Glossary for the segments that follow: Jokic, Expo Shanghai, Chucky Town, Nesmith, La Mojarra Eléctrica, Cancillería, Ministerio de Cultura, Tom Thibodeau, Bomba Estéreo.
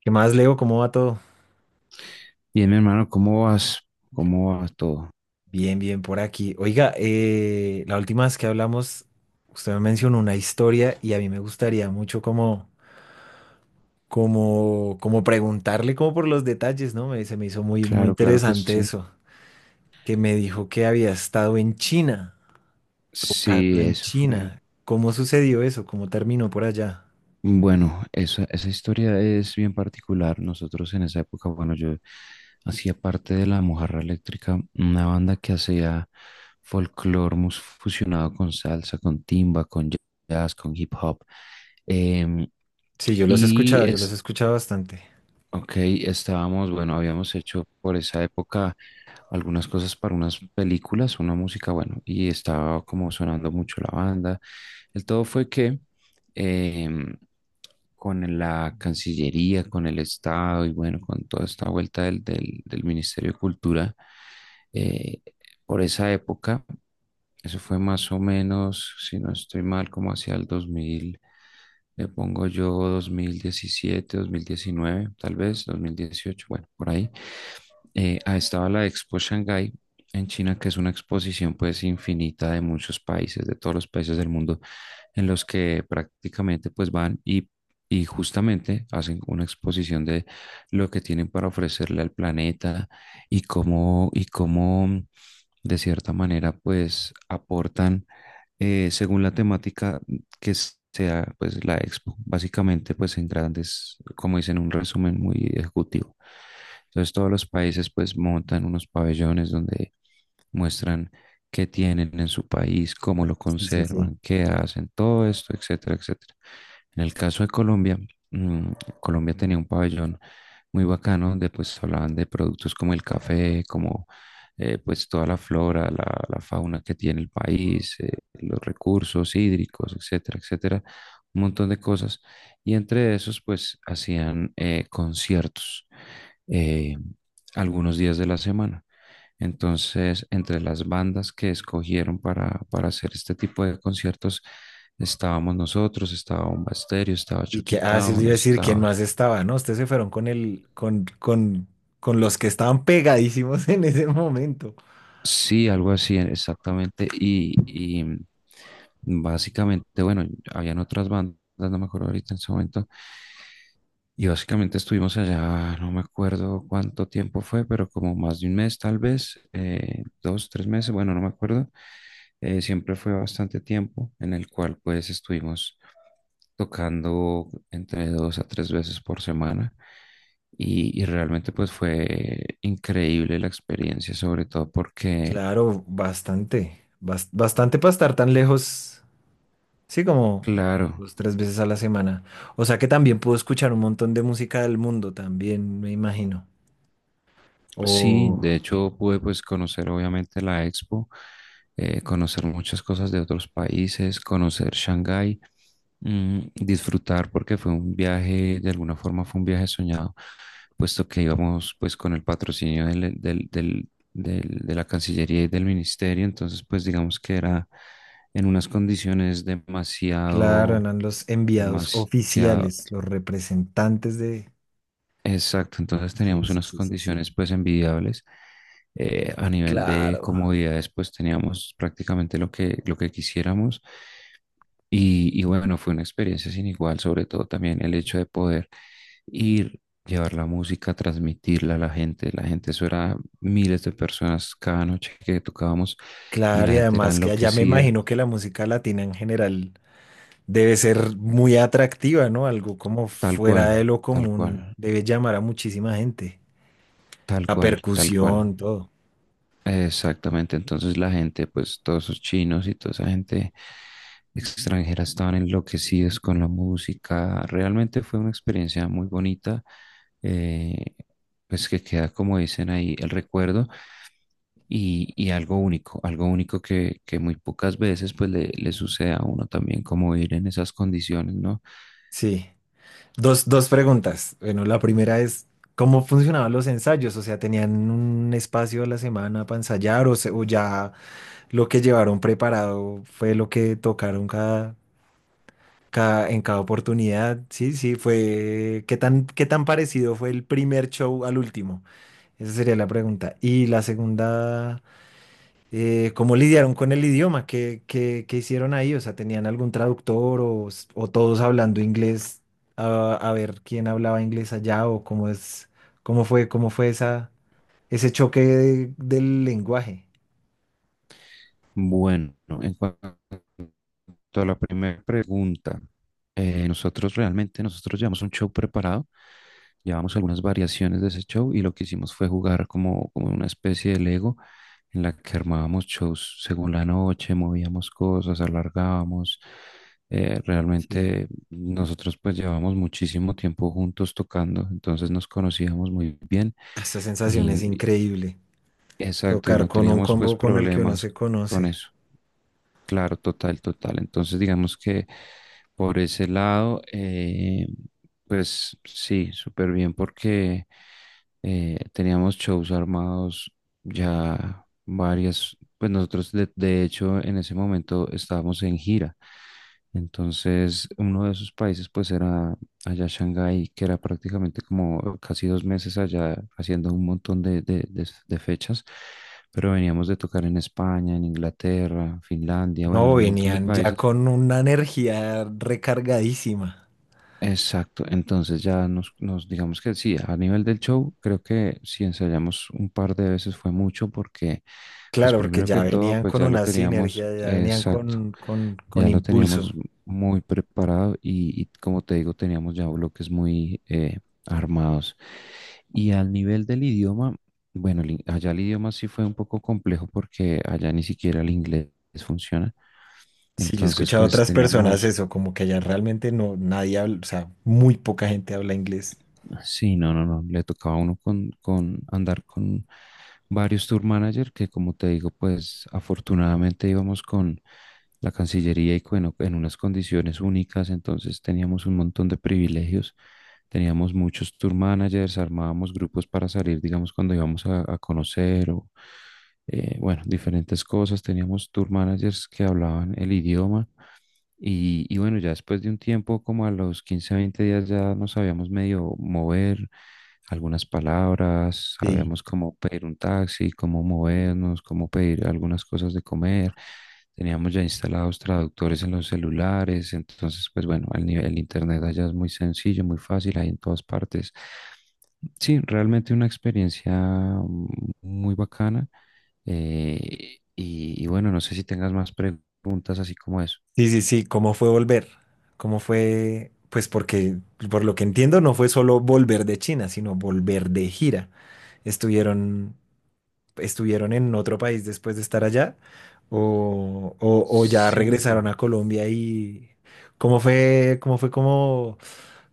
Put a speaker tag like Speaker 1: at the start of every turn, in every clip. Speaker 1: ¿Qué más, Leo? ¿Cómo va todo?
Speaker 2: Bien, mi hermano, ¿cómo vas? ¿Cómo va todo?
Speaker 1: Bien, bien, por aquí. Oiga, la última vez que hablamos, usted me mencionó una historia y a mí me gustaría mucho como preguntarle como por los detalles, ¿no? Se me hizo muy
Speaker 2: Claro, claro que
Speaker 1: interesante
Speaker 2: sí.
Speaker 1: eso, que me dijo que había estado en China, tocando
Speaker 2: Sí,
Speaker 1: en
Speaker 2: eso fue.
Speaker 1: China. ¿Cómo sucedió eso? ¿Cómo terminó por allá?
Speaker 2: Bueno, esa historia es bien particular. Nosotros en esa época, bueno, yo hacía parte de La Mojarra Eléctrica, una banda que hacía folclore fusionado con salsa, con timba, con jazz, con hip hop. Em,
Speaker 1: Sí, yo los he
Speaker 2: y
Speaker 1: escuchado, yo los he
Speaker 2: es,
Speaker 1: escuchado bastante.
Speaker 2: ok, estábamos, bueno, habíamos hecho por esa época algunas cosas para unas películas, una música, bueno, y estaba como sonando mucho la banda. El todo fue que em, con la Cancillería, con el Estado y bueno, con toda esta vuelta del Ministerio de Cultura, eh, por esa época. Eso fue más o menos, si no estoy mal, como hacia el 2000, le pongo yo 2017, 2019, tal vez 2018, bueno, por ahí. Estaba la Expo Shanghai en China, que es una exposición pues infinita de muchos países, de todos los países del mundo, en los que prácticamente pues van y justamente hacen una exposición de lo que tienen para ofrecerle al planeta y cómo de cierta manera, pues aportan según la temática que sea pues la expo, básicamente pues en grandes, como dicen, un resumen muy ejecutivo. Entonces todos los países pues montan unos pabellones donde muestran qué tienen en su país, cómo lo
Speaker 1: Sí, sí, sí.
Speaker 2: conservan, qué hacen, todo esto, etcétera, etcétera. En el caso de Colombia, mm, Colombia tenía un pabellón muy bacano donde pues hablaban de productos como el café, como pues toda la flora, la fauna que tiene el país, los recursos hídricos, etcétera, etcétera, un montón de cosas. Y entre esos pues hacían conciertos eh, algunos días de la semana. Entonces, entre las bandas que escogieron para hacer este tipo de conciertos, estábamos nosotros, estaba Bomba Estéreo, estaba
Speaker 1: Y
Speaker 2: Chucky
Speaker 1: que, ah, sí, le
Speaker 2: Town,
Speaker 1: iba a decir quién
Speaker 2: estaba...
Speaker 1: más estaba, ¿no? Ustedes se fueron con con los que estaban pegadísimos en ese momento.
Speaker 2: Sí, algo así, exactamente. Y básicamente, bueno, habían otras bandas, no me acuerdo ahorita en ese momento. Y básicamente estuvimos allá, no me acuerdo cuánto tiempo fue, pero como más de un mes tal vez, dos, tres meses, bueno, no me acuerdo. Siempre fue bastante tiempo en el cual pues estuvimos tocando entre dos a tres veces por semana y realmente pues fue increíble la experiencia, sobre todo porque,
Speaker 1: Claro, bastante, bastante para estar tan lejos, sí, como
Speaker 2: claro,
Speaker 1: dos, tres veces a la semana. O sea que también pudo escuchar un montón de música del mundo, también, me imagino.
Speaker 2: sí,
Speaker 1: O,
Speaker 2: de hecho pude pues conocer obviamente la expo, conocer muchas cosas de otros países, conocer Shanghái, disfrutar porque fue un viaje, de alguna forma fue un viaje soñado, puesto que íbamos pues con el patrocinio de la Cancillería y del Ministerio, entonces pues digamos que era en unas condiciones
Speaker 1: claro,
Speaker 2: demasiado,
Speaker 1: eran los enviados
Speaker 2: demasiado,
Speaker 1: oficiales, los representantes de...
Speaker 2: exacto, entonces
Speaker 1: Sí,
Speaker 2: teníamos
Speaker 1: sí,
Speaker 2: unas
Speaker 1: sí, sí, sí.
Speaker 2: condiciones pues envidiables, a nivel de
Speaker 1: Claro.
Speaker 2: comodidades, pues teníamos prácticamente lo que quisiéramos. Y bueno, fue una experiencia sin igual, sobre todo también el hecho de poder ir, llevar la música, transmitirla a la gente. La gente, eso era miles de personas cada noche que tocábamos y
Speaker 1: Claro,
Speaker 2: la
Speaker 1: y
Speaker 2: gente era
Speaker 1: además que allá me
Speaker 2: enloquecida,
Speaker 1: imagino que la música latina en general debe ser muy atractiva, ¿no? Algo como
Speaker 2: tal
Speaker 1: fuera de
Speaker 2: cual,
Speaker 1: lo
Speaker 2: tal
Speaker 1: común,
Speaker 2: cual,
Speaker 1: debe llamar a muchísima gente.
Speaker 2: tal
Speaker 1: La
Speaker 2: cual, tal cual.
Speaker 1: percusión, todo.
Speaker 2: Exactamente, entonces la gente, pues todos esos chinos y toda esa gente extranjera estaban enloquecidos con la música. Realmente fue una experiencia muy bonita, eh, pues que queda, como dicen ahí, el recuerdo y algo único que muy pocas veces pues le sucede a uno también como ir en esas condiciones, ¿no?
Speaker 1: Sí. Dos, dos preguntas. Bueno, la primera es, ¿cómo funcionaban los ensayos? O sea, ¿tenían un espacio a la semana para ensayar o ya lo que llevaron preparado fue lo que tocaron en cada oportunidad? Sí, sí, fue... qué tan parecido fue el primer show al último? Esa sería la pregunta. Y la segunda... ¿cómo lidiaron con el idioma? Qué hicieron ahí? O sea, ¿tenían algún traductor o todos hablando inglés a ver quién hablaba inglés allá cómo fue esa, ese del lenguaje?
Speaker 2: Bueno, en cuanto a la primera pregunta, nosotros realmente, nosotros llevamos un show preparado, llevamos algunas variaciones de ese show y lo que hicimos fue jugar como, como una especie de Lego en la que armábamos shows según la noche, movíamos cosas, alargábamos.
Speaker 1: Sí,
Speaker 2: Realmente nosotros pues llevamos muchísimo tiempo juntos tocando, entonces nos conocíamos muy bien
Speaker 1: esa sensación
Speaker 2: y
Speaker 1: es increíble.
Speaker 2: exacto, y
Speaker 1: Tocar
Speaker 2: no
Speaker 1: con un
Speaker 2: teníamos pues
Speaker 1: combo con el que uno
Speaker 2: problemas
Speaker 1: se
Speaker 2: con
Speaker 1: conoce.
Speaker 2: eso. Claro, total, total. Entonces, digamos que por ese lado, pues sí, súper bien porque teníamos shows armados ya varias, pues nosotros de hecho en ese momento estábamos en gira. Entonces, uno de esos países pues era allá a Shanghái, que era prácticamente como casi dos meses allá haciendo un montón de fechas, pero veníamos de tocar en España, en Inglaterra, Finlandia, bueno,
Speaker 1: No,
Speaker 2: en un montón de
Speaker 1: venían ya
Speaker 2: países.
Speaker 1: con una energía recargadísima.
Speaker 2: Exacto, entonces ya nos, nos digamos que sí, a nivel del show, creo que si ensayamos un par de veces fue mucho porque, pues
Speaker 1: Claro, porque
Speaker 2: primero
Speaker 1: ya
Speaker 2: que todo,
Speaker 1: venían
Speaker 2: pues
Speaker 1: con
Speaker 2: ya lo
Speaker 1: una sinergia,
Speaker 2: teníamos,
Speaker 1: ya venían
Speaker 2: exacto,
Speaker 1: con,
Speaker 2: ya lo teníamos
Speaker 1: impulso.
Speaker 2: muy preparado y como te digo, teníamos ya bloques muy armados. Y al nivel del idioma, bueno, allá el idioma sí fue un poco complejo porque allá ni siquiera el inglés funciona.
Speaker 1: Sí, yo he
Speaker 2: Entonces,
Speaker 1: escuchado a
Speaker 2: pues
Speaker 1: otras personas
Speaker 2: teníamos...
Speaker 1: eso, como que allá realmente no, nadie habla, o sea, muy poca gente habla inglés.
Speaker 2: Sí, no, no, no. Le tocaba a uno con andar con varios tour manager que, como te digo, pues afortunadamente íbamos con la Cancillería y bueno, en unas condiciones únicas, entonces teníamos un montón de privilegios, teníamos muchos tour managers, armábamos grupos para salir, digamos, cuando íbamos a conocer o, bueno, diferentes cosas, teníamos tour managers que hablaban el idioma y bueno, ya después de un tiempo, como a los 15, 20 días, ya nos sabíamos medio mover algunas palabras,
Speaker 1: Sí.
Speaker 2: sabíamos cómo pedir un taxi, cómo movernos, cómo pedir algunas cosas de comer. Teníamos ya instalados traductores en los celulares, entonces, pues bueno, el nivel, el internet allá es muy sencillo, muy fácil, hay en todas partes. Sí, realmente una experiencia, mm, muy bacana. Y y bueno, no sé si tengas más preguntas así como eso.
Speaker 1: Sí, sí, sí, ¿cómo fue volver? ¿Cómo fue? Pues porque, por lo que entiendo, no fue solo volver de China, sino volver de gira. Estuvieron estuvieron en otro país después de estar allá o ya regresaron
Speaker 2: Sí,
Speaker 1: a Colombia y cómo fue como,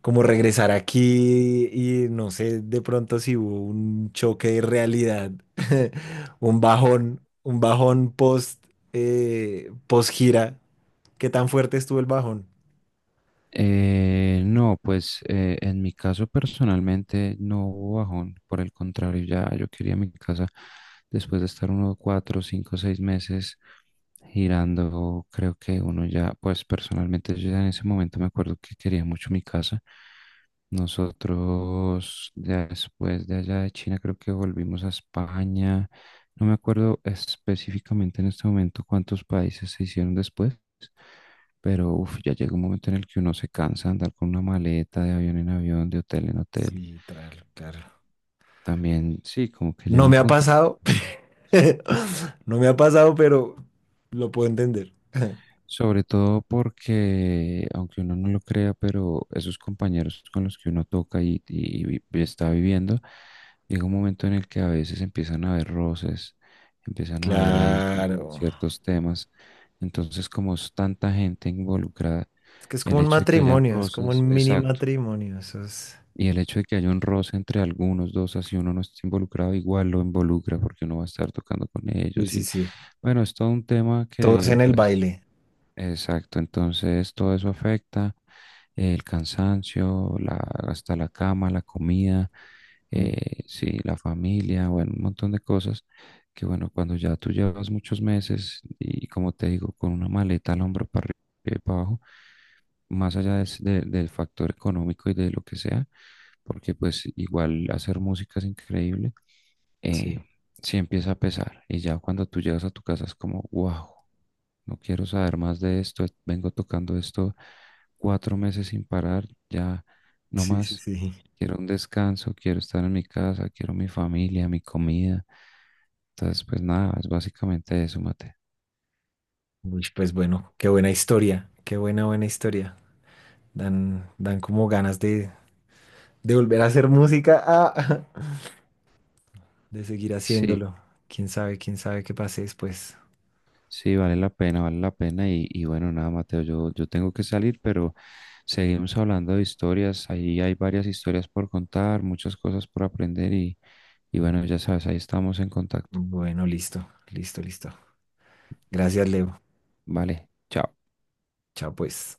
Speaker 1: como regresar aquí y no sé de pronto si hubo un choque de realidad, un bajón post, post gira. ¿Qué tan fuerte estuvo el bajón?
Speaker 2: no, pues en mi caso personalmente no hubo bajón, por el contrario, ya yo quería mi casa después de estar unos cuatro, cinco, seis meses girando, creo que uno ya, pues personalmente yo ya en ese momento me acuerdo que quería mucho mi casa. Nosotros ya después de allá de China creo que volvimos a España. No me acuerdo específicamente en este momento cuántos países se hicieron después, pero uf, ya llega un momento en el que uno se cansa de andar con una maleta de avión en avión, de hotel en hotel.
Speaker 1: Sí, claro, claro.
Speaker 2: También sí, como que llega
Speaker 1: No
Speaker 2: un
Speaker 1: me ha
Speaker 2: punto.
Speaker 1: pasado, no me ha pasado, pero lo puedo entender.
Speaker 2: Sobre todo porque, aunque uno no lo crea, pero esos compañeros con los que uno toca y, y está viviendo, llega un momento en el que a veces empiezan a haber roces, empiezan a haber ahí como
Speaker 1: Claro.
Speaker 2: ciertos temas. Entonces, como es tanta gente involucrada,
Speaker 1: Es que es
Speaker 2: el
Speaker 1: como un
Speaker 2: hecho de que hayan
Speaker 1: matrimonio, es como
Speaker 2: roces,
Speaker 1: un mini
Speaker 2: exacto,
Speaker 1: matrimonio. Eso es...
Speaker 2: y el hecho de que haya un roce entre algunos dos, así uno no está involucrado, igual lo involucra porque uno va a estar tocando con
Speaker 1: Sí,
Speaker 2: ellos
Speaker 1: sí,
Speaker 2: y
Speaker 1: sí.
Speaker 2: bueno, es todo un tema
Speaker 1: Todos
Speaker 2: que
Speaker 1: en el
Speaker 2: pues
Speaker 1: baile.
Speaker 2: exacto, entonces todo eso afecta, el cansancio, hasta la cama, la comida,
Speaker 1: Mm.
Speaker 2: sí, la familia, bueno, un montón de cosas que bueno, cuando ya tú llevas muchos meses y como te digo, con una maleta al hombro para arriba y para abajo, más allá del factor económico y de lo que sea, porque pues igual hacer música es increíble, eh,
Speaker 1: Sí,
Speaker 2: sí empieza a pesar y ya cuando tú llegas a tu casa es como, wow. No quiero saber más de esto. Vengo tocando esto cuatro meses sin parar. Ya no
Speaker 1: sí, sí,
Speaker 2: más.
Speaker 1: sí.
Speaker 2: Quiero un descanso. Quiero estar en mi casa. Quiero mi familia, mi comida. Entonces, pues nada, es básicamente eso, Mateo.
Speaker 1: Uy, pues bueno, qué buena historia, qué buena, buena historia. Dan, dan como ganas de volver a hacer música, ah, de seguir
Speaker 2: Sí,
Speaker 1: haciéndolo. Quién sabe qué pase después.
Speaker 2: sí, vale la pena, vale la pena. Y bueno, nada, Mateo, yo tengo que salir, pero seguimos hablando de historias. Ahí hay varias historias por contar, muchas cosas por aprender. Y bueno, ya sabes, ahí estamos en contacto.
Speaker 1: Bueno, listo, listo, listo. Gracias, Leo.
Speaker 2: Vale.
Speaker 1: Chao, pues.